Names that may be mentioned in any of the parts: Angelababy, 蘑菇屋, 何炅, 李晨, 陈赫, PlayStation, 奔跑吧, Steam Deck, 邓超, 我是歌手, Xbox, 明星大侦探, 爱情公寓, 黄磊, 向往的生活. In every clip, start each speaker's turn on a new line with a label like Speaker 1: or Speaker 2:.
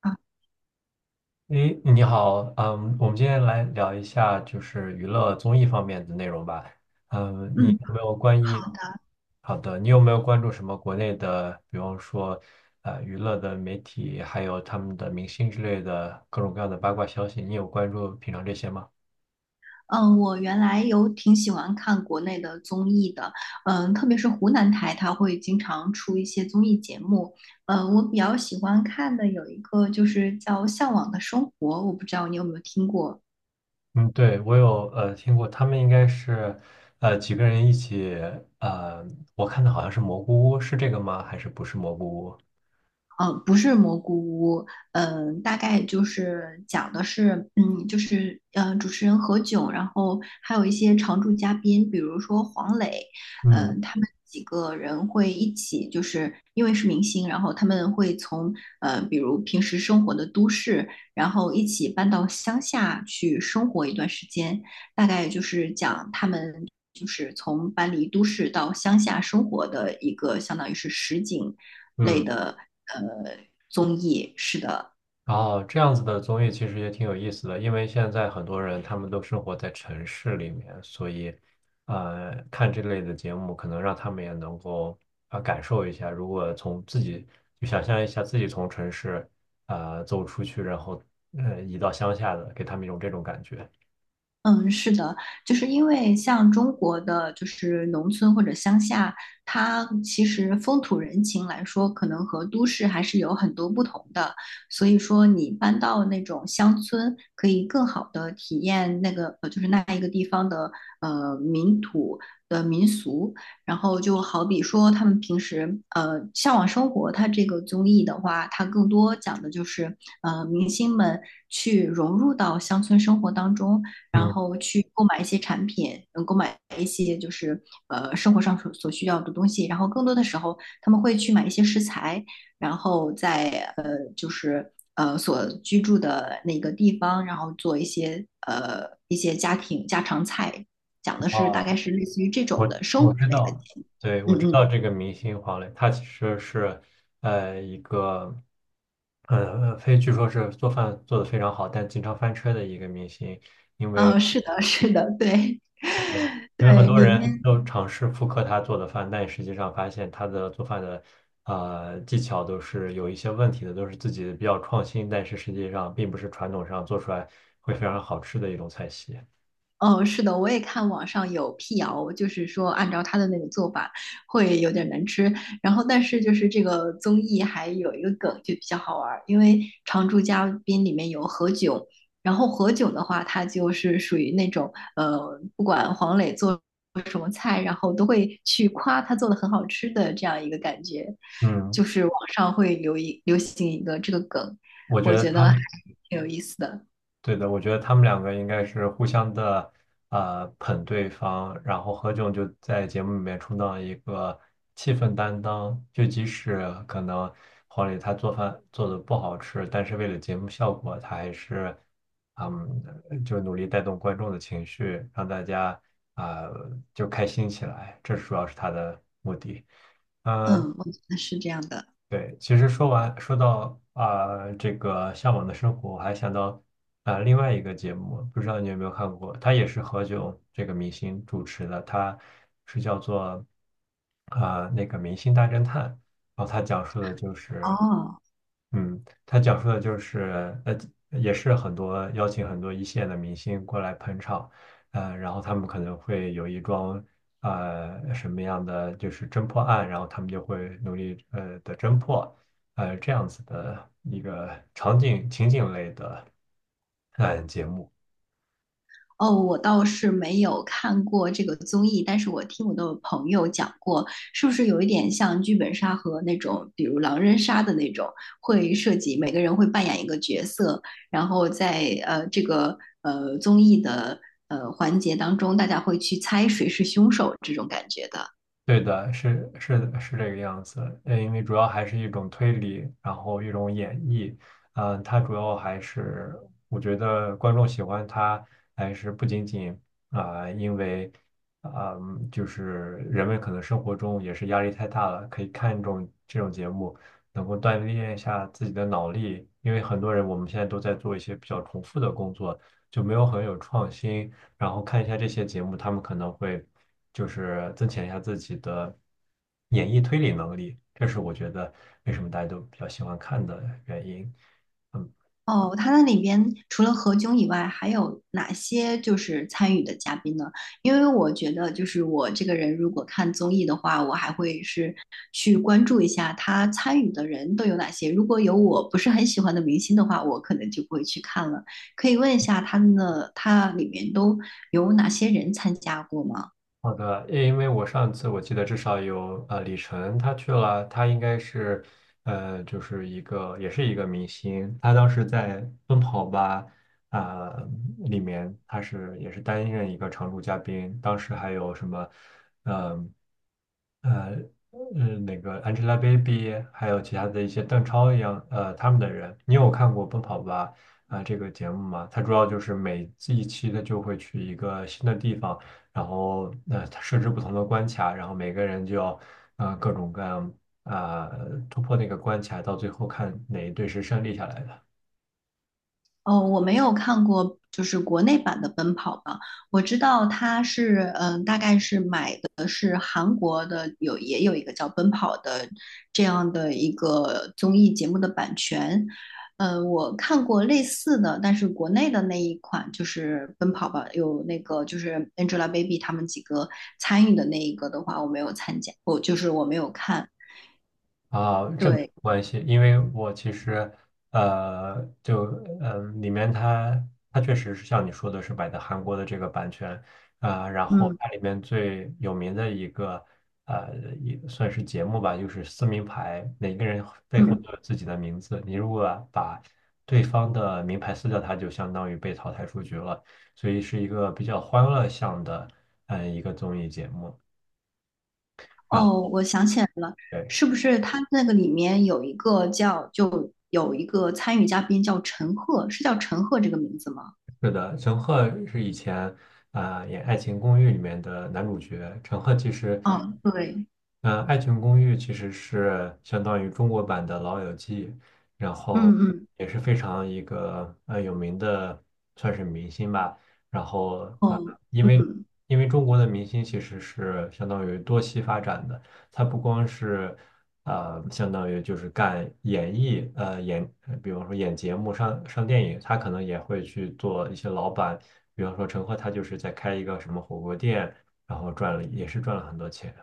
Speaker 1: 啊，
Speaker 2: 诶，你好，嗯，我们今天来聊一下就是娱乐综艺方面的内容吧。嗯，你
Speaker 1: 嗯，
Speaker 2: 有没有关于，
Speaker 1: 好的，
Speaker 2: 好的，你有没有关注什么国内的，比方说，娱乐的媒体，还有他们的明星之类的各种各样的八卦消息？你有关注平常这些吗？
Speaker 1: 嗯，我原来有挺喜欢看国内的综艺的，特别是湖南台，它会经常出一些综艺节目，我比较喜欢看的有一个就是叫《向往的生活》，我不知道你有没有听过。
Speaker 2: 嗯，对，我有听过，他们应该是几个人一起，呃，我看的好像是蘑菇屋，是这个吗？还是不是蘑菇屋？
Speaker 1: 不是蘑菇屋，大概就是讲的是，就是主持人何炅，然后还有一些常驻嘉宾，比如说黄磊，
Speaker 2: 嗯
Speaker 1: 他们几个人会一起，就是因为是明星，然后他们会从比如平时生活的都市，然后一起搬到乡下去生活一段时间，大概就是讲他们就是从搬离都市到乡下生活的一个，相当于是实景类
Speaker 2: 嗯。
Speaker 1: 的呃综艺。是的。
Speaker 2: 哦，这样子的综艺其实也挺有意思的，因为现在很多人他们都生活在城市里面，所以，看这类的节目可能让他们也能够感受一下，如果从自己就想象一下自己从城市走出去，然后移到乡下的，给他们一种这种感觉。
Speaker 1: 嗯，是的，就是因为像中国的就是农村或者乡下，它其实风土人情来说，可能和都市还是有很多不同的。所以说，你搬到那种乡村，可以更好的体验那个就是那一个地方的民土的民俗。然后就好比说，他们平时《向往生活》它这个综艺的话，它更多讲的就是明星们去融入到乡村生活当中。然
Speaker 2: 嗯。
Speaker 1: 后去购买一些产品，能购买一些就是生活上所需要的东西。然后更多的时候，他们会去买一些食材，然后在就是所居住的那个地方，然后做一些家庭家常菜，讲的是大
Speaker 2: 哦，
Speaker 1: 概是类似于这种
Speaker 2: 我
Speaker 1: 的生
Speaker 2: 我
Speaker 1: 活
Speaker 2: 知
Speaker 1: 类的。
Speaker 2: 道，对，
Speaker 1: 嗯
Speaker 2: 我知
Speaker 1: 嗯，
Speaker 2: 道这个明星黄磊，他其实是一个，呃，非据说是做饭做得非常好，但经常翻车的一个明星。
Speaker 1: 是的，是的，对
Speaker 2: 因为很
Speaker 1: 对，
Speaker 2: 多
Speaker 1: 里
Speaker 2: 人
Speaker 1: 面。
Speaker 2: 都尝试复刻他做的饭，但实际上发现他的做饭的技巧都是有一些问题的，都是自己比较创新，但是实际上并不是传统上做出来会非常好吃的一种菜系。
Speaker 1: 哦，是的，我也看网上有辟谣，就是说按照他的那个做法会有点难吃。然后，但是就是这个综艺还有一个梗就比较好玩儿，因为常驻嘉宾里面有何炅，然后何炅的话，他就是属于那种不管黄磊做什么菜，然后都会去夸他做的很好吃的这样一个感觉，
Speaker 2: 嗯，
Speaker 1: 就是网上会流行一个这个梗，
Speaker 2: 我觉
Speaker 1: 我
Speaker 2: 得
Speaker 1: 觉
Speaker 2: 他
Speaker 1: 得还
Speaker 2: 们。
Speaker 1: 挺有意思的。
Speaker 2: 对的，我觉得他们两个应该是互相的，呃，捧对方，然后何炅就在节目里面充当一个气氛担当，就即使可能黄磊他做饭做的不好吃，但是为了节目效果，他还是，嗯，就努力带动观众的情绪，让大家就开心起来，这主要是他的目的。嗯，
Speaker 1: 嗯，我觉得是这样的。
Speaker 2: 对，其实说完说到这个向往的生活，我还想到另外一个节目，不知道你有没有看过，它也是何炅这个明星主持的，它是叫做那个《明星大侦探》，然后它讲述的就是
Speaker 1: 哦。
Speaker 2: 嗯，他讲述的就是，呃，也是很多邀请很多一线的明星过来捧场，呃，然后他们可能会有一桩，呃，什么样的就是侦破案，然后他们就会努力的侦破，呃，这样子的一个场景情景类的，呃，节目。
Speaker 1: 哦，我倒是没有看过这个综艺，但是我听我的朋友讲过，是不是有一点像剧本杀和那种，比如狼人杀的那种，会涉及每个人会扮演一个角色，然后在这个综艺的环节当中，大家会去猜谁是凶手这种感觉的。
Speaker 2: 对的，是是的是这个样子，呃，因为主要还是一种推理，然后一种演绎，嗯、它主要还是我觉得观众喜欢它，还是不仅仅因为啊、就是人们可能生活中也是压力太大了，可以看这种节目，能够锻炼一下自己的脑力，因为很多人我们现在都在做一些比较重复的工作，就没有很有创新。然后看一下这些节目，他们可能会就是增强一下自己的演绎推理能力，这是我觉得为什么大家都比较喜欢看的原因。
Speaker 1: 哦，它那里边除了何炅以外，还有哪些就是参与的嘉宾呢？因为我觉得，就是我这个人如果看综艺的话，我还会是去关注一下他参与的人都有哪些。如果有我不是很喜欢的明星的话，我可能就不会去看了。可以问一下他们的，他里面都有哪些人参加过吗？
Speaker 2: 好的，因为我上次我记得至少有李晨他去了，他应该是就是一个也是一个明星，他当时在《奔跑吧》啊、里面他是也是担任一个常驻嘉宾，当时还有什么嗯呃那个 Angelababy，还有其他的一些邓超一样他们的人，你有看过《奔跑吧》这个节目吗？它主要就是每一期它就会去一个新的地方。然后设置不同的关卡，然后每个人就要呃各种各样突破那个关卡，到最后看哪一队是胜利下来的。
Speaker 1: 哦，我没有看过，就是国内版的《奔跑吧》，我知道他是，大概是买的是韩国的，有也有一个叫《奔跑》的这样的一个综艺节目的版权。我看过类似的，但是国内的那一款就是《奔跑吧》，有那个就是 Angelababy 他们几个参与的那一个的话，我没有参加，我就是我没有看。
Speaker 2: 啊，这没有
Speaker 1: 对，
Speaker 2: 关系，因为我其实，呃，就里面它确实是像你说的是买的韩国的这个版权，然后
Speaker 1: 嗯
Speaker 2: 它里面最有名的一个，呃，也算是节目吧，就是撕名牌，每个人背后
Speaker 1: 嗯。
Speaker 2: 都有自己的名字，你如果把对方的名牌撕掉，它就相当于被淘汰出局了，所以是一个比较欢乐向的，嗯、一个综艺节目。然
Speaker 1: 哦，
Speaker 2: 后
Speaker 1: 我想起来了，
Speaker 2: 对。
Speaker 1: 是不是他那个里面有一个叫，就有一个参与嘉宾叫陈赫，是叫陈赫这个名字吗？
Speaker 2: 是的，陈赫是以前演《爱情公寓》里面的男主角。陈赫其实，
Speaker 1: 哦，对，
Speaker 2: 嗯、爱情公寓》其实是相当于中国版的《老友记》，然
Speaker 1: 嗯
Speaker 2: 后
Speaker 1: 嗯，
Speaker 2: 也是非常一个有名的，算是明星吧。然后
Speaker 1: 哦，
Speaker 2: 因为
Speaker 1: 嗯。
Speaker 2: 因为中国的明星其实是相当于多栖发展的，他不光是。呃，相当于就是干演艺，呃，演，呃比方说演节目、上电影，他可能也会去做一些老板，比方说陈赫，他就是在开一个什么火锅店，然后赚了，也是赚了很多钱。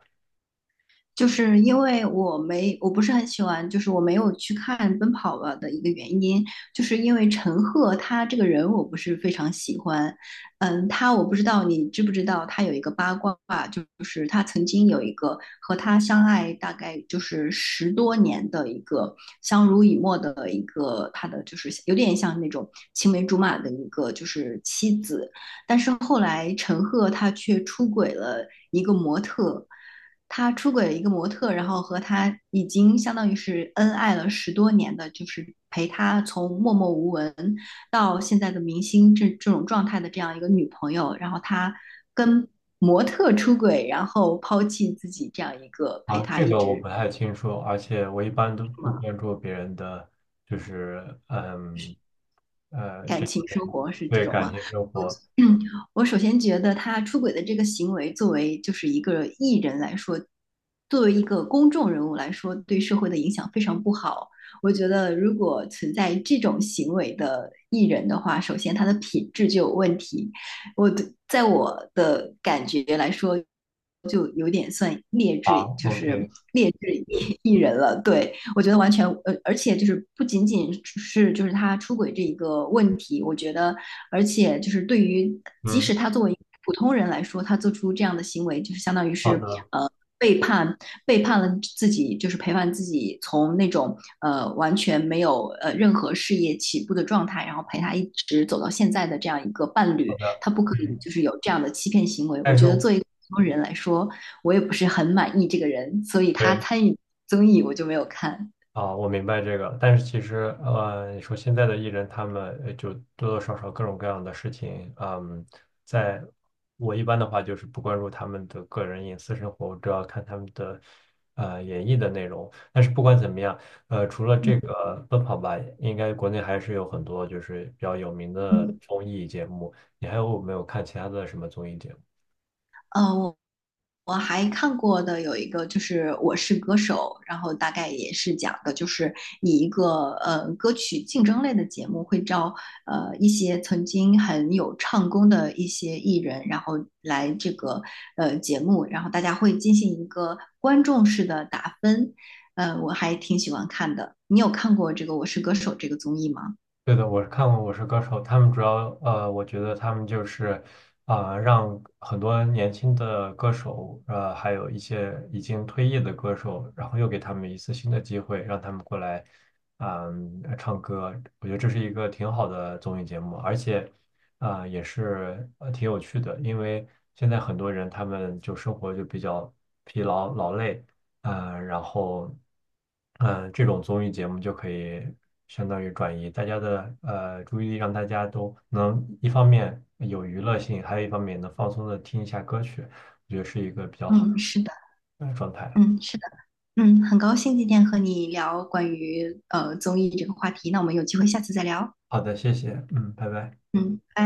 Speaker 1: 就是因为我没，我不是很喜欢，就是我没有去看《奔跑吧》的一个原因，就是因为陈赫他这个人我不是非常喜欢。嗯，他我不知道你知不知道，他有一个八卦，就是他曾经有一个和他相爱大概就是十多年的一个相濡以沫的一个他的就是有点像那种青梅竹马的一个就是妻子，但是后来陈赫他却出轨了一个模特。他出轨了一个模特，然后和他已经相当于是恩爱了十多年的，就是陪他从默默无闻到现在的明星这种状态的这样一个女朋友，然后他跟模特出轨，然后抛弃自己这样一个陪
Speaker 2: 啊，
Speaker 1: 他
Speaker 2: 这
Speaker 1: 一
Speaker 2: 个我不
Speaker 1: 直
Speaker 2: 太清楚，而且我一般都不关注别人的，就是嗯，呃，
Speaker 1: 感
Speaker 2: 这方
Speaker 1: 情生
Speaker 2: 面
Speaker 1: 活是这
Speaker 2: 对
Speaker 1: 种
Speaker 2: 感
Speaker 1: 吗？
Speaker 2: 情生
Speaker 1: 我
Speaker 2: 活。
Speaker 1: 嗯，我首先觉得他出轨的这个行为，作为就是一个艺人来说，作为一个公众人物来说，对社会的影响非常不好。我觉得如果存在这种行为的艺人的话，首先他的品质就有问题。我的在我的感觉来说，就有点算劣
Speaker 2: 啊
Speaker 1: 质，就是
Speaker 2: ，OK，
Speaker 1: 劣质艺人了。对，我觉得完全而且就是不仅仅是就是他出轨这一个问题，我觉得，而且就是对于即
Speaker 2: 嗯，
Speaker 1: 使他作为普通人来说，他做出这样的行为，就是相当于
Speaker 2: 好
Speaker 1: 是
Speaker 2: 的，
Speaker 1: 呃背叛背叛了自己，就是陪伴自己从那种完全没有任何事业起步的状态，然后陪他一直走到现在的这样一个伴侣，
Speaker 2: 好的，
Speaker 1: 他不可以
Speaker 2: 嗯，
Speaker 1: 就是有这样的欺骗行为。我
Speaker 2: 但是
Speaker 1: 觉得
Speaker 2: 我
Speaker 1: 作为普通人来说，我也不是很满意这个人，所以他
Speaker 2: 对。
Speaker 1: 参与综艺我就没有看。
Speaker 2: 啊，我明白这个，但是其实，呃，你说现在的艺人，他们就多多少少各种各样的事情，嗯，在我一般的话就是不关注他们的个人隐私生活，我主要看他们的演绎的内容。但是不管怎么样，呃，除了这个奔跑吧，应该国内还是有很多就是比较有名的
Speaker 1: 嗯，
Speaker 2: 综艺节目。你还有没有看其他的什么综艺节目？
Speaker 1: 呃，我我还看过的有一个就是《我是歌手》，然后大概也是讲的就是以一个歌曲竞争类的节目会招一些曾经很有唱功的一些艺人，然后来这个节目，然后大家会进行一个观众式的打分。嗯，我还挺喜欢看的。你有看过这个《我是歌手》这个综艺吗？
Speaker 2: 对的，我是看过《我是歌手》，他们主要呃，我觉得他们就是让很多年轻的歌手，呃，还有一些已经退役的歌手，然后又给他们一次新的机会，让他们过来，嗯、唱歌。我觉得这是一个挺好的综艺节目，而且也是挺有趣的，因为现在很多人他们就生活就比较疲劳劳累。呃，然后，嗯，这种综艺节目就可以相当于转移大家的注意力，让大家都能一方面有娱乐性，还有一方面能放松的听一下歌曲，
Speaker 1: 嗯，是的，
Speaker 2: 呃，状态。
Speaker 1: 嗯，是的。嗯，很高兴今天和你聊关于综艺这个话题，那我们有机会下次再聊。
Speaker 2: 好的，谢谢，嗯，拜拜。
Speaker 1: 嗯，拜。